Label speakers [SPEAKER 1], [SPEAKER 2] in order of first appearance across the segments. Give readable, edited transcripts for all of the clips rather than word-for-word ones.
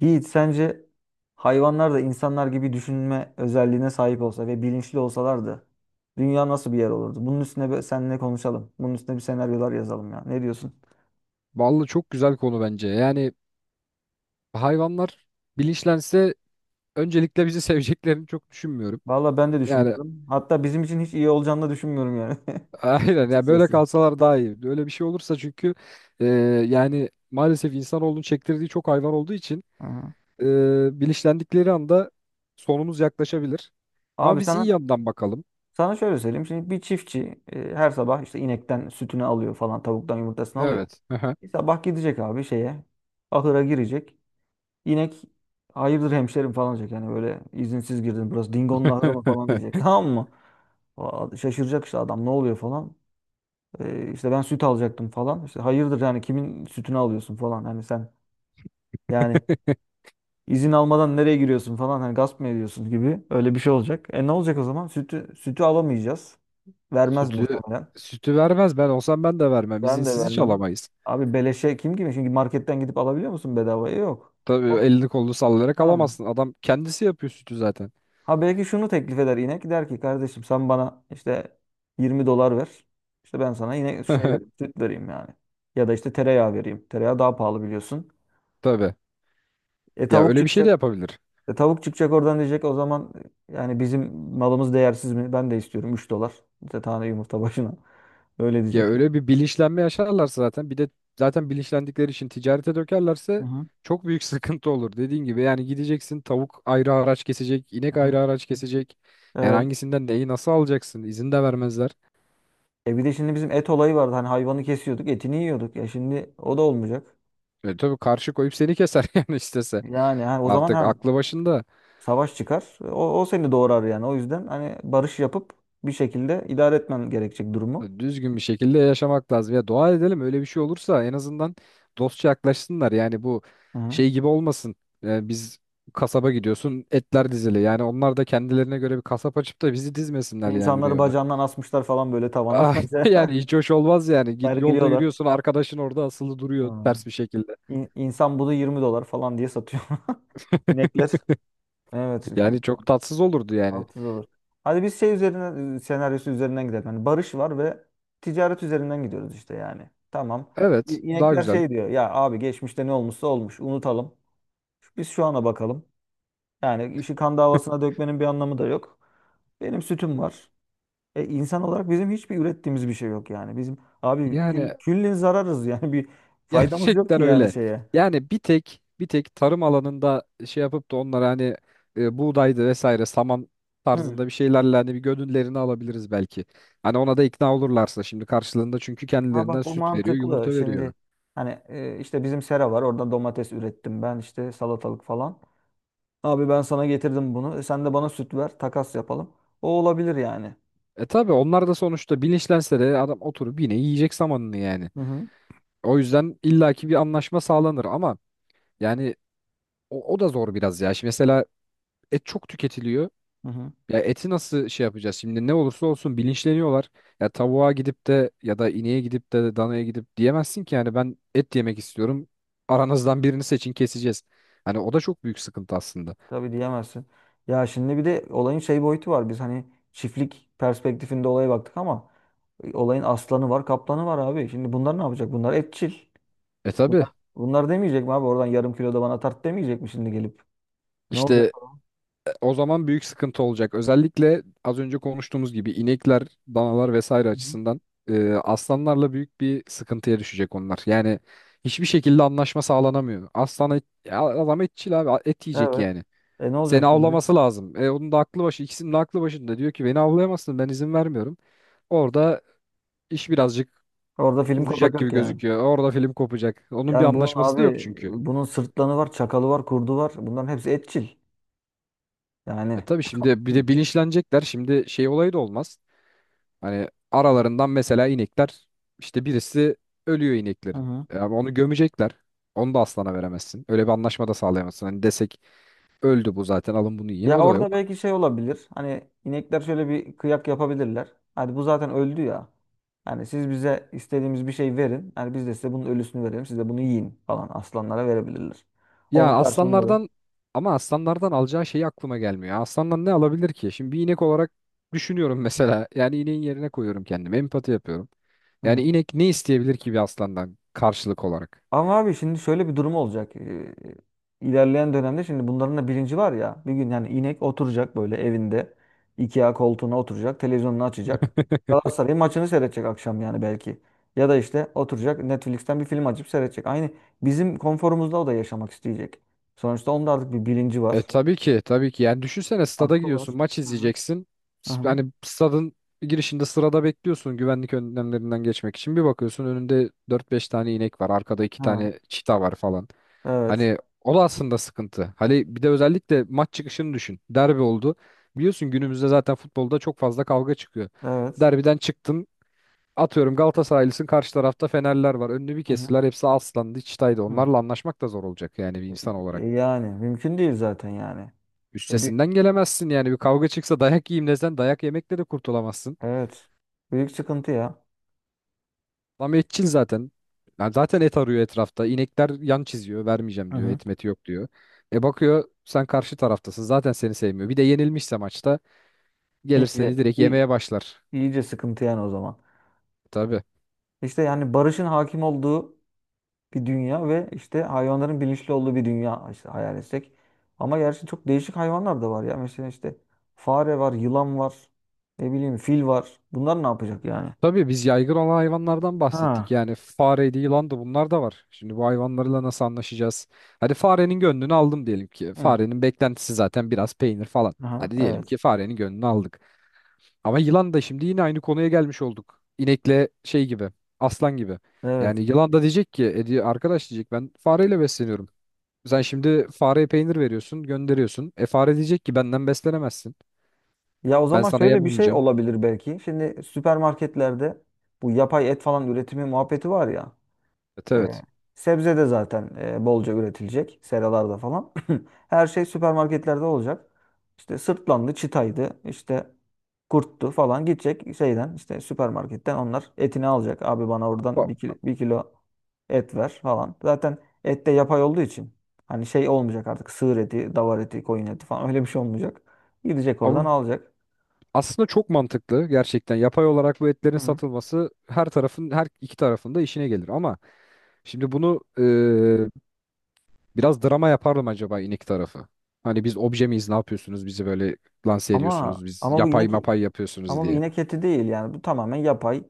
[SPEAKER 1] Yiğit sence hayvanlar da insanlar gibi düşünme özelliğine sahip olsa ve bilinçli olsalardı dünya nasıl bir yer olurdu? Bunun üstüne bir seninle konuşalım. Bunun üstüne bir senaryolar yazalım ya. Ne diyorsun?
[SPEAKER 2] Vallahi çok güzel konu bence. Yani hayvanlar bilinçlense öncelikle bizi seveceklerini çok düşünmüyorum.
[SPEAKER 1] Valla ben de
[SPEAKER 2] Yani
[SPEAKER 1] düşünmüyorum. Hatta bizim için hiç iyi olacağını da düşünmüyorum yani.
[SPEAKER 2] aynen yani böyle
[SPEAKER 1] Açıkçası.
[SPEAKER 2] kalsalar daha iyi. Öyle bir şey olursa çünkü e, yani maalesef insanoğlunun çektirdiği çok hayvan olduğu için
[SPEAKER 1] Aha.
[SPEAKER 2] e, bilinçlendikleri anda sonumuz yaklaşabilir. Ama
[SPEAKER 1] Abi
[SPEAKER 2] biz iyi
[SPEAKER 1] sana
[SPEAKER 2] yandan bakalım.
[SPEAKER 1] sana şöyle söyleyeyim. Şimdi bir çiftçi her sabah işte inekten sütünü alıyor falan, tavuktan yumurtasını alıyor.
[SPEAKER 2] Evet.
[SPEAKER 1] Bir sabah gidecek abi şeye, ahıra girecek. İnek hayırdır hemşerim falan diyecek. Yani böyle izinsiz girdin burası Dingo'nun ahırı mı falan diyecek. Tamam mı? Aa, şaşıracak işte adam ne oluyor falan. İşte ben süt alacaktım falan. İşte hayırdır yani kimin sütünü alıyorsun falan. Hani sen yani izin almadan nereye giriyorsun falan. Hani gasp mı ediyorsun gibi öyle bir şey olacak. E ne olacak o zaman? Sütü alamayacağız. Vermez
[SPEAKER 2] Sütü
[SPEAKER 1] muhtemelen.
[SPEAKER 2] sütü vermez. Ben olsam ben de vermem.
[SPEAKER 1] Ben de
[SPEAKER 2] İzinsiz hiç
[SPEAKER 1] vermem.
[SPEAKER 2] alamayız.
[SPEAKER 1] Abi beleşe kim gibi? Çünkü marketten gidip alabiliyor musun bedavaya? Yok.
[SPEAKER 2] Tabii
[SPEAKER 1] O-
[SPEAKER 2] elini kolunu sallayarak
[SPEAKER 1] Ha.
[SPEAKER 2] alamazsın. Adam kendisi yapıyor sütü zaten.
[SPEAKER 1] Ha belki şunu teklif eder inek. Der ki kardeşim sen bana işte 20 dolar ver. İşte ben sana yine şey vereyim, süt vereyim yani. Ya da işte tereyağı vereyim. Tereyağı daha pahalı biliyorsun.
[SPEAKER 2] Tabii.
[SPEAKER 1] E
[SPEAKER 2] Ya
[SPEAKER 1] tavuk
[SPEAKER 2] öyle bir şey de
[SPEAKER 1] çıkacak.
[SPEAKER 2] yapabilir.
[SPEAKER 1] E tavuk çıkacak oradan diyecek o zaman yani bizim malımız değersiz mi? Ben de istiyorum 3 dolar. İşte tane yumurta başına. Öyle
[SPEAKER 2] Ya
[SPEAKER 1] diyecek.
[SPEAKER 2] öyle bir bilinçlenme yaşarlarsa zaten bir de zaten bilinçlendikleri için ticarete
[SPEAKER 1] Hı
[SPEAKER 2] dökerlerse
[SPEAKER 1] hı.
[SPEAKER 2] çok büyük sıkıntı olur. Dediğin gibi yani gideceksin tavuk ayrı araç kesecek,
[SPEAKER 1] Hı
[SPEAKER 2] inek
[SPEAKER 1] hı.
[SPEAKER 2] ayrı araç kesecek. Yani
[SPEAKER 1] Evet.
[SPEAKER 2] hangisinden neyi nasıl alacaksın? İzin de vermezler.
[SPEAKER 1] E bir de şimdi bizim et olayı vardı. Hani hayvanı kesiyorduk, etini yiyorduk. Ya şimdi o da olmayacak.
[SPEAKER 2] E tabii karşı koyup seni keser yani istese.
[SPEAKER 1] Yani ha, o zaman
[SPEAKER 2] Artık
[SPEAKER 1] ha
[SPEAKER 2] aklı başında.
[SPEAKER 1] savaş çıkar. O seni doğrar yani. O yüzden hani barış yapıp bir şekilde idare etmen gerekecek durumu.
[SPEAKER 2] Düzgün bir şekilde yaşamak lazım. Ya dua edelim öyle bir şey olursa en azından dostça yaklaşsınlar. Yani bu
[SPEAKER 1] Hı. Hı.
[SPEAKER 2] şey gibi olmasın. Yani biz kasaba gidiyorsun etler dizili. Yani onlar da kendilerine göre bir kasap açıp da bizi dizmesinler yani
[SPEAKER 1] İnsanları
[SPEAKER 2] reyona.
[SPEAKER 1] bacağından asmışlar falan böyle tavana.
[SPEAKER 2] Ah, yani hiç hoş olmaz yani. Git yolda
[SPEAKER 1] Sergiliyorlar.
[SPEAKER 2] yürüyorsun arkadaşın orada asılı duruyor
[SPEAKER 1] Hı.
[SPEAKER 2] ters bir şekilde.
[SPEAKER 1] İnsan budu 20 dolar falan diye satıyor. İnekler. Evet.
[SPEAKER 2] Yani çok tatsız olurdu yani.
[SPEAKER 1] 6 dolar. Hadi biz şey üzerine senaryosu üzerinden gidelim. Yani barış var ve ticaret üzerinden gidiyoruz işte yani. Tamam.
[SPEAKER 2] Evet daha
[SPEAKER 1] İnekler
[SPEAKER 2] güzel.
[SPEAKER 1] şey diyor. Ya abi geçmişte ne olmuşsa olmuş. Unutalım. Biz şu ana bakalım. Yani işi kan davasına dökmenin bir anlamı da yok. Benim sütüm var. E, insan olarak bizim hiçbir ürettiğimiz bir şey yok yani. Bizim abi kül,
[SPEAKER 2] Yani
[SPEAKER 1] küllin zararız yani bir faydamız yok ki
[SPEAKER 2] Gerçekten
[SPEAKER 1] yani
[SPEAKER 2] öyle.
[SPEAKER 1] şeye.
[SPEAKER 2] Yani bir tek tarım alanında şey yapıp da onlara hani buğdaydı vesaire saman
[SPEAKER 1] Hı.
[SPEAKER 2] tarzında bir şeylerle hani bir gönüllerini alabiliriz belki. Hani ona da ikna olurlarsa şimdi karşılığında çünkü
[SPEAKER 1] Ha
[SPEAKER 2] kendilerinden
[SPEAKER 1] bak o
[SPEAKER 2] süt veriyor,
[SPEAKER 1] mantıklı.
[SPEAKER 2] yumurta veriyor.
[SPEAKER 1] Şimdi hani işte bizim sera var. Oradan domates ürettim ben işte salatalık falan. Abi ben sana getirdim bunu. E, sen de bana süt ver. Takas yapalım. O olabilir yani.
[SPEAKER 2] E tabi onlar da sonuçta bilinçlense de adam oturup yine yiyecek samanını yani.
[SPEAKER 1] Hı hı.
[SPEAKER 2] O yüzden illaki bir anlaşma sağlanır ama yani o da zor biraz ya. Şimdi mesela et çok tüketiliyor.
[SPEAKER 1] Hı hı.
[SPEAKER 2] Ya eti nasıl şey yapacağız? Şimdi ne olursa olsun bilinçleniyorlar. Ya tavuğa gidip de ya da ineğe gidip de danaya gidip diyemezsin ki yani ben et yemek istiyorum. Aranızdan birini seçin keseceğiz. Hani o da çok büyük sıkıntı aslında.
[SPEAKER 1] Tabii diyemezsin. Ya şimdi bir de olayın şey boyutu var. Biz hani çiftlik perspektifinde olaya baktık ama olayın aslanı var, kaplanı var abi. Şimdi bunlar ne yapacak? Bunlar etçil.
[SPEAKER 2] E tabii
[SPEAKER 1] Bunlar, bunlar demeyecek mi abi? Oradan yarım kilo da bana tart demeyecek mi şimdi gelip? Ne olacak?
[SPEAKER 2] işte o zaman büyük sıkıntı olacak. Özellikle az önce konuştuğumuz gibi inekler, danalar vesaire
[SPEAKER 1] Hı hı.
[SPEAKER 2] açısından aslanlarla büyük bir sıkıntıya düşecek onlar. Yani hiçbir şekilde anlaşma sağlanamıyor. Aslan et, ya adam etçil abi et yiyecek
[SPEAKER 1] Evet.
[SPEAKER 2] yani.
[SPEAKER 1] E ne olacak
[SPEAKER 2] Seni
[SPEAKER 1] şimdi?
[SPEAKER 2] avlaması lazım. Onun da aklı başı, ikisinin de aklı başında. Diyor ki beni avlayamazsın ben izin vermiyorum. Orada iş birazcık
[SPEAKER 1] Orada film
[SPEAKER 2] uzayacak gibi
[SPEAKER 1] kopacak yani.
[SPEAKER 2] gözüküyor. Orada film kopacak. Onun bir
[SPEAKER 1] Yani bunun
[SPEAKER 2] anlaşması da yok
[SPEAKER 1] abi
[SPEAKER 2] çünkü.
[SPEAKER 1] bunun sırtlanı var, çakalı var, kurdu var. Bunların hepsi etçil.
[SPEAKER 2] E
[SPEAKER 1] Yani.
[SPEAKER 2] tabii şimdi bir
[SPEAKER 1] Hı.
[SPEAKER 2] de bilinçlenecekler. Şimdi şey olayı da olmaz. Hani aralarından mesela inekler işte birisi ölüyor ineklerin.
[SPEAKER 1] Hı.
[SPEAKER 2] Ama onu gömecekler. Onu da aslana veremezsin. Öyle bir anlaşma da sağlayamazsın. Hani desek öldü bu zaten alın bunu yiyin
[SPEAKER 1] Ya
[SPEAKER 2] o da
[SPEAKER 1] orada
[SPEAKER 2] yok.
[SPEAKER 1] belki şey olabilir. Hani inekler şöyle bir kıyak yapabilirler. Hadi bu zaten öldü ya. Yani siz bize istediğimiz bir şey verin. Yani biz de size bunun ölüsünü verelim. Siz de bunu yiyin falan aslanlara verebilirler. Onun
[SPEAKER 2] Ya
[SPEAKER 1] karşılığında
[SPEAKER 2] aslanlardan ama aslanlardan alacağı şey aklıma gelmiyor. Aslandan ne alabilir ki? Şimdi bir inek olarak düşünüyorum mesela. Yani ineğin yerine koyuyorum kendimi. Empati yapıyorum. Yani
[SPEAKER 1] da.
[SPEAKER 2] inek ne isteyebilir ki bir aslandan karşılık olarak?
[SPEAKER 1] Ama abi şimdi şöyle bir durum olacak. İlerleyen dönemde şimdi bunların da bilinci var ya. Bir gün yani inek oturacak böyle evinde. IKEA koltuğuna oturacak. Televizyonunu açacak. Galatasaray maçını seyredecek akşam yani belki. Ya da işte oturacak Netflix'ten bir film açıp seyredecek. Aynı bizim konforumuzda o da yaşamak isteyecek. Sonuçta onun da artık bir bilinci var.
[SPEAKER 2] E tabii ki tabii ki yani düşünsene stada
[SPEAKER 1] Aklı var.
[SPEAKER 2] gidiyorsun maç
[SPEAKER 1] Hı hı.
[SPEAKER 2] izleyeceksin
[SPEAKER 1] Hı hı.
[SPEAKER 2] Yani stadın girişinde sırada bekliyorsun güvenlik önlemlerinden geçmek için bir bakıyorsun önünde dört beş tane inek var arkada iki
[SPEAKER 1] Hı.
[SPEAKER 2] tane çita var falan
[SPEAKER 1] Evet.
[SPEAKER 2] hani o da aslında sıkıntı hani bir de özellikle maç çıkışını düşün derbi oldu biliyorsun günümüzde zaten futbolda çok fazla kavga çıkıyor
[SPEAKER 1] Evet.
[SPEAKER 2] derbiden çıktın atıyorum Galatasaraylısın karşı tarafta Fenerler var önünü bir
[SPEAKER 1] Hı hı.
[SPEAKER 2] kestiler hepsi aslandı çitaydı
[SPEAKER 1] Hı.
[SPEAKER 2] onlarla anlaşmak da zor olacak yani bir insan olarak.
[SPEAKER 1] E, yani mümkün değil zaten yani. E, bir-
[SPEAKER 2] Üstesinden gelemezsin yani bir kavga çıksa dayak yiyeyim desen dayak yemekle de kurtulamazsın.
[SPEAKER 1] evet. Büyük sıkıntı ya.
[SPEAKER 2] Adam etçil zaten. Yani zaten et arıyor etrafta. İnekler yan çiziyor vermeyeceğim
[SPEAKER 1] Hı
[SPEAKER 2] diyor
[SPEAKER 1] hı.
[SPEAKER 2] et meti yok diyor. E bakıyor sen karşı taraftasın zaten seni sevmiyor. Bir de yenilmişse maçta gelir
[SPEAKER 1] İyice,
[SPEAKER 2] seni direkt yemeye
[SPEAKER 1] iyi-
[SPEAKER 2] başlar.
[SPEAKER 1] iyice sıkıntı yani o zaman.
[SPEAKER 2] Tabii.
[SPEAKER 1] İşte yani barışın hakim olduğu bir dünya ve işte hayvanların bilinçli olduğu bir dünya işte hayal etsek. Ama gerçi çok değişik hayvanlar da var ya. Mesela işte fare var, yılan var, ne bileyim fil var. Bunlar ne yapacak yani?
[SPEAKER 2] Tabii biz yaygın olan hayvanlardan bahsettik.
[SPEAKER 1] Ha.
[SPEAKER 2] Yani fareydi, yılan da bunlar da var. Şimdi bu hayvanlarla nasıl anlaşacağız? Hadi farenin gönlünü aldım diyelim ki.
[SPEAKER 1] Hı.
[SPEAKER 2] Farenin beklentisi zaten biraz peynir falan.
[SPEAKER 1] Aha,
[SPEAKER 2] Hadi diyelim
[SPEAKER 1] evet.
[SPEAKER 2] ki farenin gönlünü aldık. Ama yılan da şimdi yine aynı konuya gelmiş olduk. İnekle şey gibi, aslan gibi. Yani
[SPEAKER 1] Evet.
[SPEAKER 2] yılan da diyecek ki, arkadaş diyecek ben fareyle besleniyorum. Sen şimdi fareye peynir veriyorsun, gönderiyorsun. E fare diyecek ki benden beslenemezsin.
[SPEAKER 1] Ya o
[SPEAKER 2] Ben
[SPEAKER 1] zaman
[SPEAKER 2] sana yem
[SPEAKER 1] şöyle bir şey
[SPEAKER 2] olmayacağım.
[SPEAKER 1] olabilir belki. Şimdi süpermarketlerde bu yapay et falan üretimi muhabbeti var ya.
[SPEAKER 2] Evet
[SPEAKER 1] Ee,
[SPEAKER 2] evet.
[SPEAKER 1] Sebze de zaten bolca üretilecek. Seralarda falan. Her şey süpermarketlerde olacak. İşte sırtlandı, çitaydı, işte kurttu falan gidecek şeyden işte süpermarketten onlar etini alacak. Abi bana oradan bir
[SPEAKER 2] Ba-
[SPEAKER 1] kilo, bir kilo et ver falan. Zaten et de yapay olduğu için hani şey olmayacak artık sığır eti, davar eti, koyun eti falan öyle bir şey olmayacak. Gidecek oradan
[SPEAKER 2] Ama
[SPEAKER 1] alacak.
[SPEAKER 2] aslında çok mantıklı gerçekten. Yapay olarak bu
[SPEAKER 1] Hı.
[SPEAKER 2] etlerin
[SPEAKER 1] Hı.
[SPEAKER 2] satılması her tarafın, her iki tarafın da işine gelir. Ama şimdi bunu biraz drama yapardım acaba inik tarafı. Hani biz obje miyiz ne yapıyorsunuz bizi böyle lanse
[SPEAKER 1] Ama
[SPEAKER 2] ediyorsunuz biz
[SPEAKER 1] ama bu
[SPEAKER 2] yapay
[SPEAKER 1] inek
[SPEAKER 2] mapay yapıyorsunuz
[SPEAKER 1] ama bu
[SPEAKER 2] diye.
[SPEAKER 1] inek eti değil yani bu tamamen yapay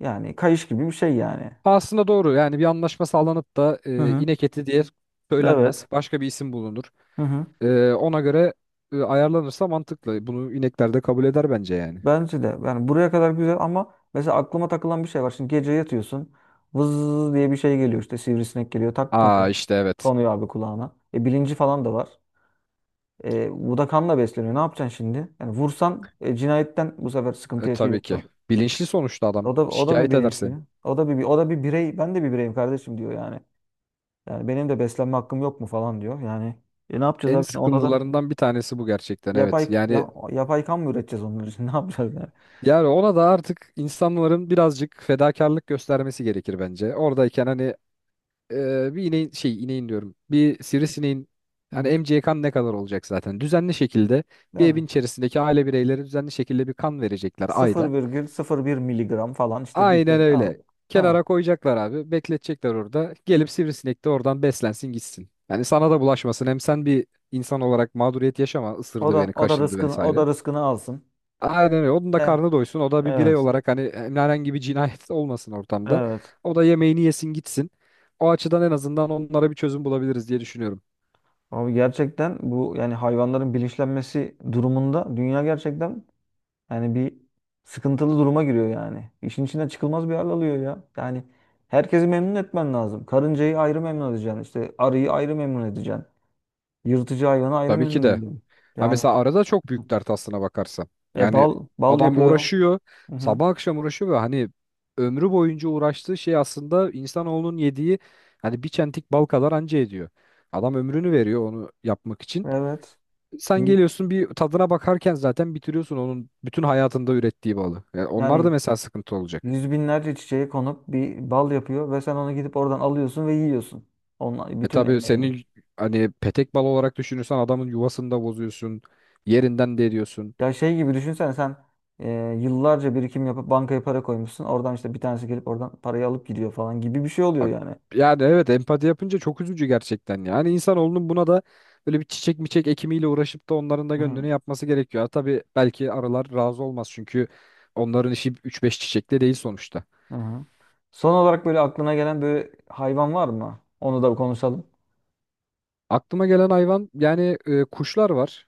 [SPEAKER 1] yani kayış gibi bir şey yani.
[SPEAKER 2] Ha, aslında doğru yani bir anlaşma sağlanıp da
[SPEAKER 1] Hı hı.
[SPEAKER 2] inek eti diye söylenmez.
[SPEAKER 1] Evet.
[SPEAKER 2] Başka bir isim bulunur.
[SPEAKER 1] Hı hı.
[SPEAKER 2] Ona göre ayarlanırsa mantıklı. Bunu inekler de kabul eder bence yani.
[SPEAKER 1] Bence de. Yani buraya kadar güzel ama mesela aklıma takılan bir şey var. Şimdi gece yatıyorsun. Vız diye bir şey geliyor işte sivrisinek geliyor. Tak
[SPEAKER 2] Aa
[SPEAKER 1] konuyor.
[SPEAKER 2] işte evet.
[SPEAKER 1] Konuyor abi kulağına. E, bilinci falan da var. E, bu da kanla besleniyor. Ne yapacaksın şimdi? Yani vursan cinayetten bu sefer sıkıntı
[SPEAKER 2] Tabii ki.
[SPEAKER 1] yaşayacaksın.
[SPEAKER 2] Bilinçli sonuçta adam.
[SPEAKER 1] O da bir
[SPEAKER 2] Şikayet
[SPEAKER 1] bilinçli.
[SPEAKER 2] edersin.
[SPEAKER 1] O da bir birey. Ben de bir bireyim kardeşim diyor yani. Yani benim de beslenme hakkım yok mu falan diyor. Yani ne yapacağız
[SPEAKER 2] En
[SPEAKER 1] abi şimdi? Ona da
[SPEAKER 2] sıkıntılarından bir tanesi bu gerçekten evet. Yani
[SPEAKER 1] yapay kan mı üreteceğiz onlar için? Ne yapacağız yani?
[SPEAKER 2] Yani ona da artık insanların birazcık fedakarlık göstermesi gerekir bence. Oradayken hani bir ineğin şey ineğin diyorum. Bir sivrisineğin
[SPEAKER 1] Hı
[SPEAKER 2] hani
[SPEAKER 1] hı.
[SPEAKER 2] emeceği kan ne kadar olacak zaten. Düzenli şekilde
[SPEAKER 1] Değil
[SPEAKER 2] bir
[SPEAKER 1] mi?
[SPEAKER 2] evin içerisindeki aile bireyleri düzenli şekilde bir kan verecekler ayda.
[SPEAKER 1] 0,01 miligram falan işte bir şey
[SPEAKER 2] Aynen
[SPEAKER 1] al.
[SPEAKER 2] öyle.
[SPEAKER 1] Ha.
[SPEAKER 2] Kenara koyacaklar abi. Bekletecekler orada. Gelip sivrisinek de oradan beslensin gitsin. Yani sana da bulaşmasın. Hem sen bir insan olarak mağduriyet yaşama.
[SPEAKER 1] O
[SPEAKER 2] Isırdı
[SPEAKER 1] da
[SPEAKER 2] beni,
[SPEAKER 1] o da
[SPEAKER 2] kaşındı
[SPEAKER 1] rızkını o
[SPEAKER 2] vesaire.
[SPEAKER 1] da rızkını alsın.
[SPEAKER 2] Aynen öyle. Onun da
[SPEAKER 1] E,
[SPEAKER 2] karnı doysun. O da bir birey
[SPEAKER 1] evet.
[SPEAKER 2] olarak hani herhangi bir cinayet olmasın ortamda.
[SPEAKER 1] Evet.
[SPEAKER 2] O da yemeğini yesin gitsin. O açıdan en azından onlara bir çözüm bulabiliriz diye düşünüyorum.
[SPEAKER 1] Abi gerçekten bu yani hayvanların bilinçlenmesi durumunda dünya gerçekten yani bir sıkıntılı duruma giriyor yani. İşin içinden çıkılmaz bir hal alıyor ya. Yani herkesi memnun etmen lazım. Karıncayı ayrı memnun edeceksin. İşte arıyı ayrı memnun edeceksin. Yırtıcı hayvanı ayrı
[SPEAKER 2] Tabii ki
[SPEAKER 1] memnun
[SPEAKER 2] de.
[SPEAKER 1] edeceksin.
[SPEAKER 2] Ha
[SPEAKER 1] Yani
[SPEAKER 2] mesela arada çok büyük dert aslına bakarsan. Yani
[SPEAKER 1] bal
[SPEAKER 2] adam
[SPEAKER 1] yapıyor.
[SPEAKER 2] uğraşıyor.
[SPEAKER 1] Hı hı.
[SPEAKER 2] Sabah akşam uğraşıyor ve hani ömrü boyunca uğraştığı şey aslında insanoğlunun yediği hani bir çentik bal kadar anca ediyor. Adam ömrünü veriyor onu yapmak için.
[SPEAKER 1] Evet.
[SPEAKER 2] Sen geliyorsun bir tadına bakarken zaten bitiriyorsun onun bütün hayatında ürettiği balı. Yani onlar da
[SPEAKER 1] Yani
[SPEAKER 2] mesela sıkıntı olacak.
[SPEAKER 1] yüz binlerce çiçeğe konup bir bal yapıyor ve sen onu gidip oradan alıyorsun ve yiyorsun. Onun
[SPEAKER 2] E
[SPEAKER 1] bütün
[SPEAKER 2] tabii
[SPEAKER 1] emeğini.
[SPEAKER 2] senin hani petek balı olarak düşünürsen adamın yuvasını da bozuyorsun. Yerinden de ediyorsun.
[SPEAKER 1] Ya şey gibi düşünsen sen e, yıllarca birikim yapıp bankaya para koymuşsun. Oradan işte bir tanesi gelip oradan parayı alıp gidiyor falan gibi bir şey oluyor
[SPEAKER 2] Abi,
[SPEAKER 1] yani.
[SPEAKER 2] yani evet empati yapınca çok üzücü gerçekten. Yani insanoğlunun buna da böyle bir çiçek miçek ekimiyle uğraşıp da onların da
[SPEAKER 1] Hı
[SPEAKER 2] gönlünü
[SPEAKER 1] hı.
[SPEAKER 2] yapması gerekiyor. Ha, tabii belki arılar razı olmaz çünkü onların işi üç beş çiçekle değil sonuçta.
[SPEAKER 1] Hı hı. Son olarak böyle aklına gelen böyle hayvan var mı? Onu da konuşalım.
[SPEAKER 2] Aklıma gelen hayvan yani kuşlar var.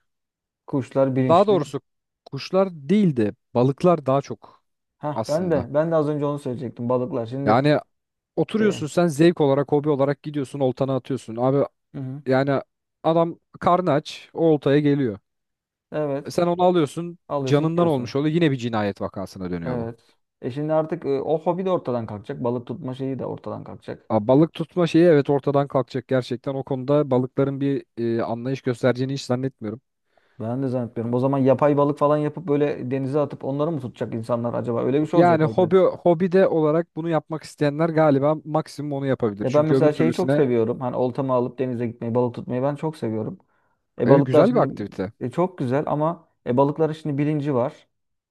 [SPEAKER 1] Kuşlar
[SPEAKER 2] Daha
[SPEAKER 1] bilinçli.
[SPEAKER 2] doğrusu kuşlar değil de balıklar daha çok
[SPEAKER 1] Ha ben de
[SPEAKER 2] aslında.
[SPEAKER 1] ben de az önce onu söyleyecektim. Balıklar. Şimdi
[SPEAKER 2] Yani
[SPEAKER 1] e,
[SPEAKER 2] oturuyorsun sen zevk olarak, hobi olarak gidiyorsun, oltana atıyorsun. Abi
[SPEAKER 1] hı hı.
[SPEAKER 2] yani adam karnı aç, o oltaya geliyor.
[SPEAKER 1] Evet.
[SPEAKER 2] Sen onu alıyorsun,
[SPEAKER 1] Alıyorsun
[SPEAKER 2] canından
[SPEAKER 1] gidiyorsun.
[SPEAKER 2] olmuş oluyor. Yine bir cinayet vakasına dönüyor bu.
[SPEAKER 1] Evet. E şimdi artık o hobi de ortadan kalkacak. Balık tutma şeyi de ortadan kalkacak.
[SPEAKER 2] Abi balık tutma şeyi evet ortadan kalkacak gerçekten. O konuda balıkların bir anlayış göstereceğini hiç zannetmiyorum.
[SPEAKER 1] Ben de zannetmiyorum. O zaman yapay balık falan yapıp böyle denize atıp onları mı tutacak insanlar acaba? Öyle bir şey olacak
[SPEAKER 2] Yani
[SPEAKER 1] belki de.
[SPEAKER 2] hobi olarak bunu yapmak isteyenler galiba maksimum onu yapabilir.
[SPEAKER 1] Ya ben
[SPEAKER 2] Çünkü öbür
[SPEAKER 1] mesela şeyi çok
[SPEAKER 2] türlüsüne
[SPEAKER 1] seviyorum. Hani oltamı alıp denize gitmeyi, balık tutmayı ben çok seviyorum. E
[SPEAKER 2] evet
[SPEAKER 1] balıklar
[SPEAKER 2] güzel bir
[SPEAKER 1] şimdi
[SPEAKER 2] aktivite.
[SPEAKER 1] çok güzel ama balıkların şimdi bilinci var.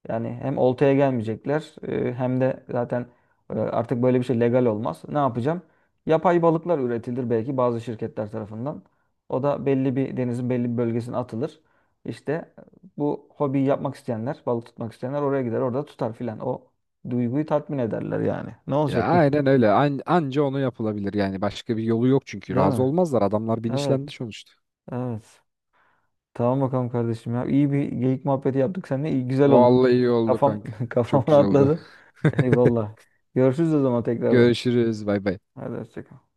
[SPEAKER 1] Yani hem oltaya gelmeyecekler hem de zaten artık böyle bir şey legal olmaz. Ne yapacağım? Yapay balıklar üretilir belki bazı şirketler tarafından. O da belli bir denizin belli bir bölgesine atılır. İşte e, bu hobiyi yapmak isteyenler, balık tutmak isteyenler oraya gider, orada tutar filan. O duyguyu tatmin ederler yani. Ne
[SPEAKER 2] Ya
[SPEAKER 1] olacak?
[SPEAKER 2] aynen öyle. Anca onu yapılabilir yani. Başka bir yolu yok çünkü.
[SPEAKER 1] Değil
[SPEAKER 2] Razı
[SPEAKER 1] mi?
[SPEAKER 2] olmazlar. Adamlar
[SPEAKER 1] Evet,
[SPEAKER 2] bilinçlendi sonuçta.
[SPEAKER 1] evet. Tamam bakalım kardeşim ya. İyi bir geyik muhabbeti yaptık seninle. İyi, güzel oldu.
[SPEAKER 2] Vallahi iyi oldu
[SPEAKER 1] Kafam
[SPEAKER 2] kanka.
[SPEAKER 1] kafam
[SPEAKER 2] Çok güzel oldu.
[SPEAKER 1] rahatladı. Eyvallah. Görüşürüz o zaman tekrardan.
[SPEAKER 2] Görüşürüz. Bay bay.
[SPEAKER 1] Hadi hoşça kal.